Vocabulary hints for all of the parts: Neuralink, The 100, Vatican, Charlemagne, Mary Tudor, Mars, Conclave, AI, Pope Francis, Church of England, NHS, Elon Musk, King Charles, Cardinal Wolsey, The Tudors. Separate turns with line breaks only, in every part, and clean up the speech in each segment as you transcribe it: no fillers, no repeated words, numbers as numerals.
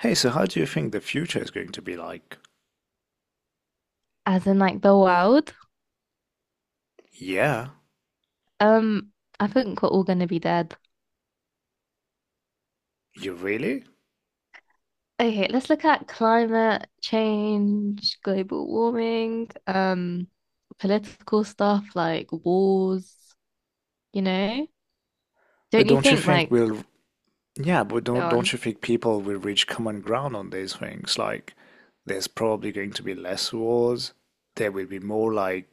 Hey, so how do you think the future is going to be like?
As in like the world.
Yeah,
Um, I think we're all gonna be dead.
you really?
Okay, let's look at climate change, global warming, political stuff like wars, you know? Don't
But
you
don't you
think
think
like
we'll, yeah, but
go
don't
on.
don't you think people will reach common ground on these things? Like, there's probably going to be less wars. There will be more like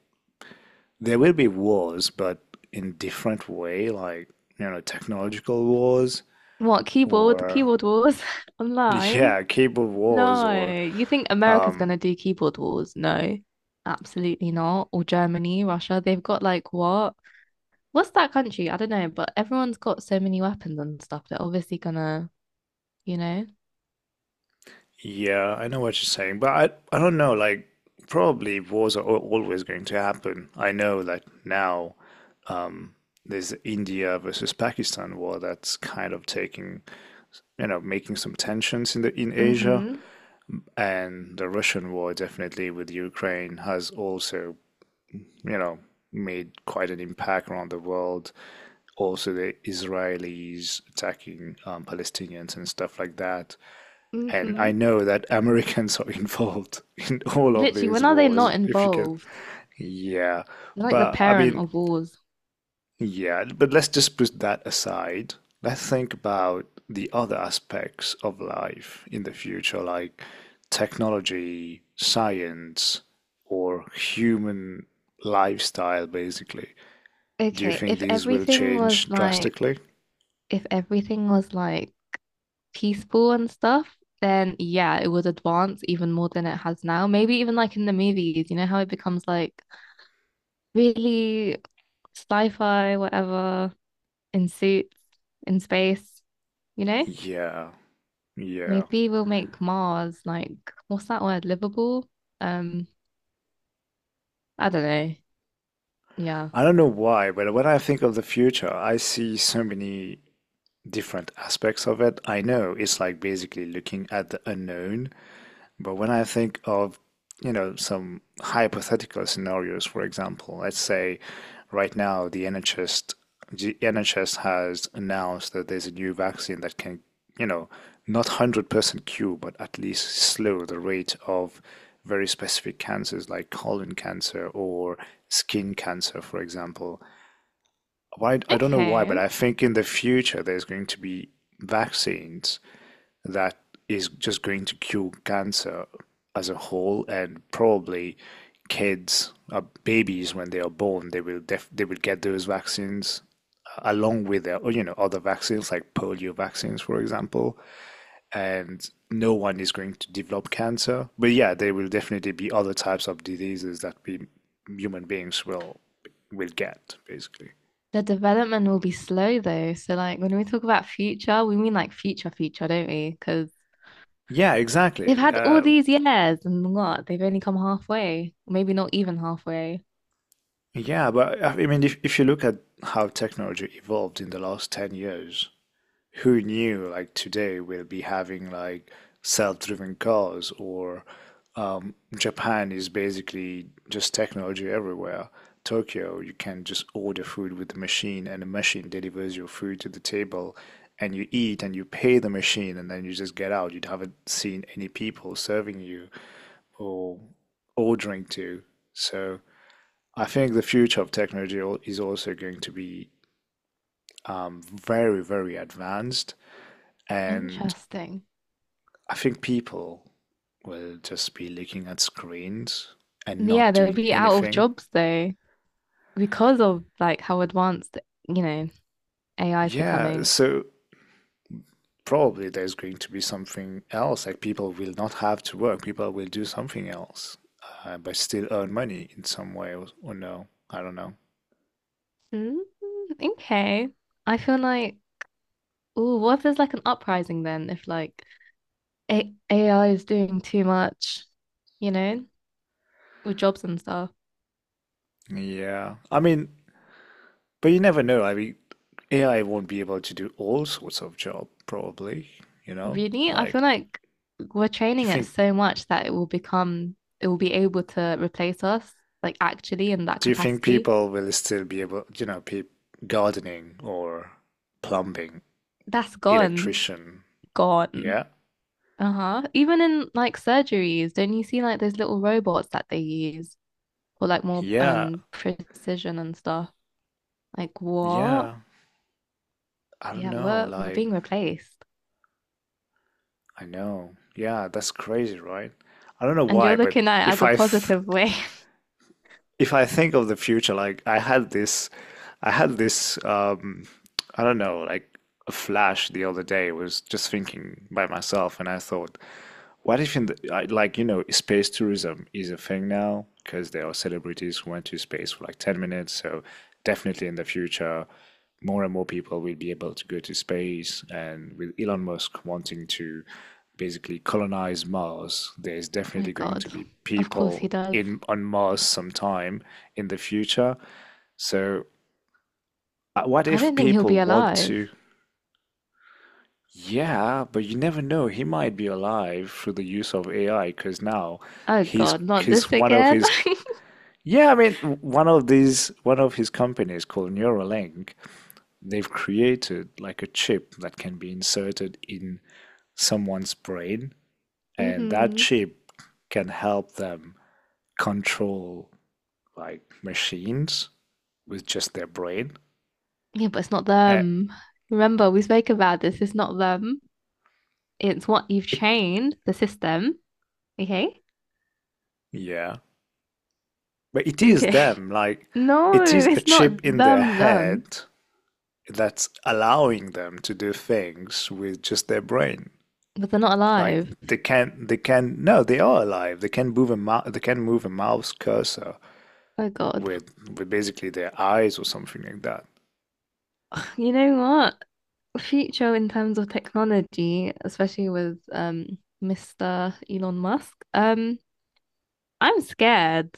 there will be wars, but in different way, like, you know, technological wars
What,
or
keyboard wars online?
yeah, cable wars
No.
or
You think America's
um
gonna do keyboard wars? No. Absolutely not. Or Germany, Russia, they've got like what? What's that country? I don't know, but everyone's got so many weapons and stuff. They're obviously gonna you know?
yeah, I know what you're saying, but I don't know, like probably wars are always going to happen. I know that now. um there's the India versus Pakistan war that's kind of taking, you know, making some tensions in the in Asia,
Mm-hmm.
and the Russian war definitely with Ukraine has also, you know, made quite an impact around the world. Also, the Israelis attacking Palestinians and stuff like that. And
Mm-hmm.
I know that Americans are involved in all of
Literally,
these
when are they
wars,
not
if you can.
involved?
Yeah.
They're like the
But I
parent
mean,
of wars.
yeah, but let's just put that aside. Let's think about the other aspects of life in the future, like technology, science, or human lifestyle, basically. Do you
Okay,
think
if
these will
everything was
change
like
drastically?
if everything was like peaceful and stuff, then yeah, it would advance even more than it has now. Maybe even like in the movies, you know how it becomes like really sci-fi, whatever, in suits, in space, you know?
Yeah, yeah.
Maybe we'll make Mars like what's that word? Livable? Um, I don't know. Yeah.
I don't know why, but when I think of the future, I see so many different aspects of it. I know it's like basically looking at the unknown, but when I think of, you know, some hypothetical scenarios, for example, let's say right now the NHS has announced that there's a new vaccine that can, you know, not 100% cure, but at least slow the rate of very specific cancers like colon cancer or skin cancer, for example. Why I don't know why, but
Okay.
I think in the future there's going to be vaccines that is just going to cure cancer as a whole, and probably kids, babies. When they are born, they will def they will get those vaccines, along with their, you know, other vaccines like polio vaccines, for example, and no one is going to develop cancer. But yeah, there will definitely be other types of diseases that we human beings will get, basically.
The development will be slow though. So like when we talk about future, we mean like future future, don't we? Because
Yeah,
they've
exactly.
had all these years and what? They've only come halfway, maybe not even halfway.
Yeah, but I mean, if you look at how technology evolved in the last 10 years, who knew like today we'll be having like self-driven cars or Japan is basically just technology everywhere. Tokyo, you can just order food with the machine and the machine delivers your food to the table, and you eat and you pay the machine and then you just get out. You haven't seen any people serving you or ordering to. So I think the future of technology is also going to be very, very advanced. And
Interesting.
I think people will just be looking at screens and
Yeah,
not
they'll
doing
be out of
anything.
jobs though because of like how advanced, you know, AI is
Yeah,
becoming.
so probably there's going to be something else. Like, people will not have to work, people will do something else, but still earn money in some way, or no. I don't know.
Mm, okay. I feel like, oh, what if there's like an uprising then if like A AI is doing too much, you know, with jobs and stuff?
Yeah. I mean, but you never know. I mean, AI won't be able to do all sorts of job, probably, you know?
Really, I
Like,
feel like we're
do
training
you
it
think
so much that it will be able to replace us, like actually in that
do you think
capacity.
people will still be able, you know, pe gardening or plumbing,
That's gone,
electrician? Yeah.
gone. Uh-huh. Even in like surgeries, don't you see like those little robots that they use for like more
Yeah.
precision and stuff? Like what?
Yeah. I don't
Yeah,
know.
we're
Like,
being replaced.
I know. Yeah, that's crazy, right? I don't know
And
why,
you're
but
looking at it as a positive way.
if I think of the future, like I had this, I don't know, like a flash the other day. I was just thinking by myself, and I thought, what if like space tourism is a thing now because there are celebrities who went to space for like 10 minutes. So definitely in the future, more and more people will be able to go to space, and with Elon Musk wanting to basically colonize Mars, there's
Oh my
definitely going to
God.
be
Of course
people
he does.
in on Mars sometime in the future. So what
I
if
don't think he'll
people
be
want
alive.
to? Yeah, but you never know. He might be alive through the use of AI because now
Oh God, not
he's
this
one of
again.
his yeah, I mean, one of his companies called Neuralink, they've created like a chip that can be inserted in someone's brain, and that
Hmm.
chip can help them control like machines with just their brain.
Yeah, but it's not
Uh,
them. Remember, we spoke about this. It's not them. It's what you've
it
trained the system. Okay.
Yeah, but it is
Okay.
them. Like,
No,
it is a
it's not
chip in their
them,
head
them.
that's allowing them to do things with just their brain.
But they're not
Like,
alive.
they can. No, they are alive. They can move a mouse cursor
Oh God.
with basically their eyes or something like that.
You know what? Future in terms of technology, especially with Mr. Elon Musk, I'm scared.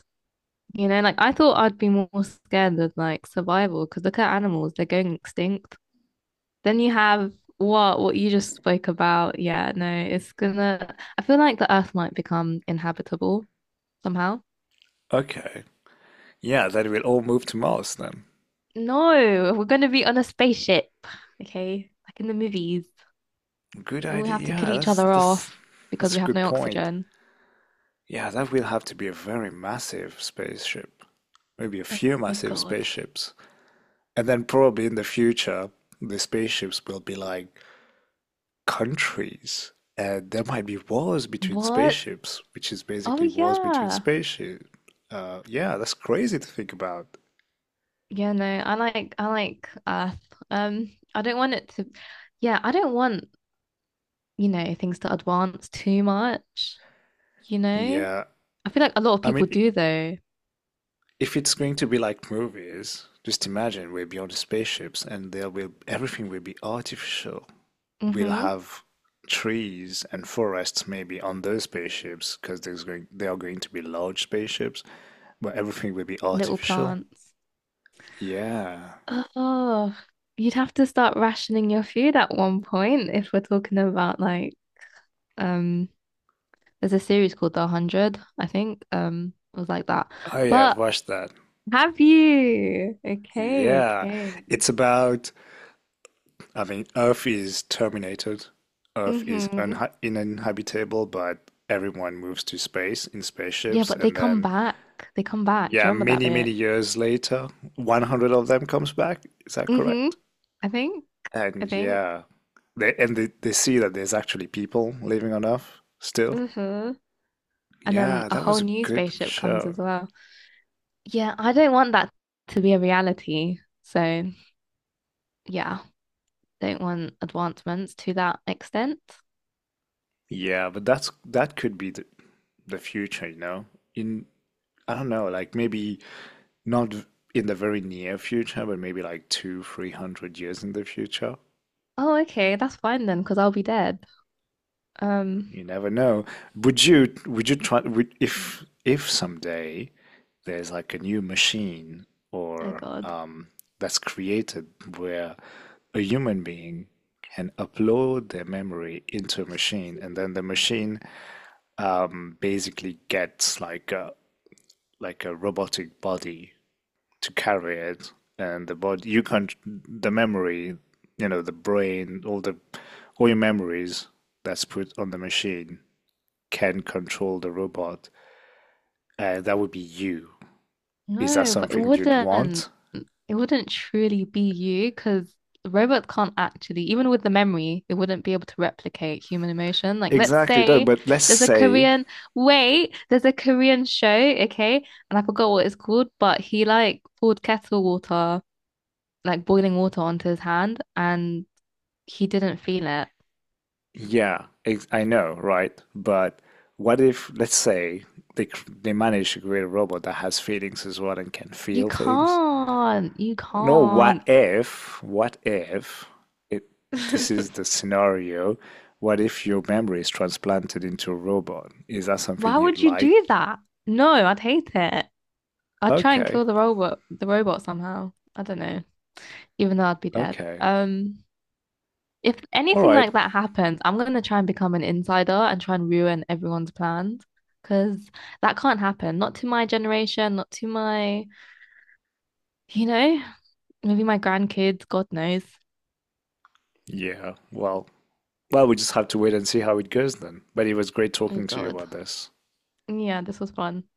You know, like I thought I'd be more scared of like survival because look at animals, they're going extinct. Then you have what you just spoke about. Yeah, no, it's gonna I feel like the Earth might become inhabitable somehow.
Okay. Yeah, that will all move to Mars then.
No, we're gonna be on a spaceship. Okay, like in the movies.
Good
And we
idea.
have to kill
Yeah,
each other off because
that's
we
a
have
good
no
point.
oxygen.
Yeah, that will have to be a very massive spaceship. Maybe a
Oh
few
my
massive
God.
spaceships. And then probably in the future, the spaceships will be like countries, and there might be wars between
What?
spaceships, which is
Oh
basically wars between
yeah.
spaceships. Yeah, that's crazy to think about.
Yeah, no, I like Earth. I don't want it to yeah, I don't want, you know, things to advance too much, you know?
Yeah,
I feel like a lot of
I
people
mean,
do though.
if it's going to be like movies, just imagine we're beyond the spaceships, and there will everything will be artificial. We'll
Mm-hmm.
have trees and forests maybe on those spaceships because there's going they are going to be large spaceships, but everything will be
Little
artificial.
plants.
Yeah.
Oh, you'd have to start rationing your food at one point if we're talking about like um there's a series called The 100, I think. It was like that.
Oh yeah, I've
But
watched that.
have you? Okay,
Yeah,
okay.
it's about, I mean, Earth is terminated. Earth is
Mm-hmm.
unha uninhabitable, but everyone moves to space in
Yeah,
spaceships.
but they
And
come
then,
back. They come back. Do
yeah,
you remember that
many, many
bit?
years later, 100 of them comes back. Is that
Mm-hmm.
correct?
I think. I
And
think.
yeah, they see that there's actually people living on Earth still.
Mm-hmm. And then
Yeah,
a
that
whole
was a
new
good
spaceship comes as
show.
well. Yeah, I don't want that to be a reality. So, yeah. Don't want advancements to that extent.
Yeah, but that could be the future, you know? In I don't know, like maybe not in the very near future, but maybe like two, 300 years in the future.
Oh, okay, that's fine then, because I'll be dead. Um,
You never know. Would you try if someday there's like a new machine
oh
or
God.
that's created where a human being can upload their memory into a machine, and then the machine, basically gets like a robotic body to carry it. And the body, you can't, the memory, you know, the brain, all the all your memories that's put on the machine can control the robot, and that would be you. Is that
No, but
something you'd want?
it wouldn't truly be you because robots can't actually, even with the memory, it wouldn't be able to replicate human emotion. Like, let's
Exactly. No,
say
but let's
there's a
say,
Korean, wait, there's a Korean show, okay, and I forgot what it's called, but he like poured kettle water, like boiling water onto his hand, and he didn't feel it.
yeah, I know, right, but what if, let's say they they manage to create a robot that has feelings as well and can
You
feel things.
can't. You
No,
can't.
what if it, this is the scenario? What if your memory is transplanted into a robot? Is that something
Why
you'd
would you
like?
do that? No, I'd hate it. I'd try and
Okay,
kill the robot somehow. I don't know, even though I'd be dead.
okay.
If
All
anything
right.
like that happens, I'm gonna try and become an insider and try and ruin everyone's plans because that can't happen. Not to my generation, not to my, you know, maybe my grandkids, God knows.
Yeah, well, we just have to wait and see how it goes then. But it was great
Oh
talking to you
God.
about this.
Yeah, this was fun.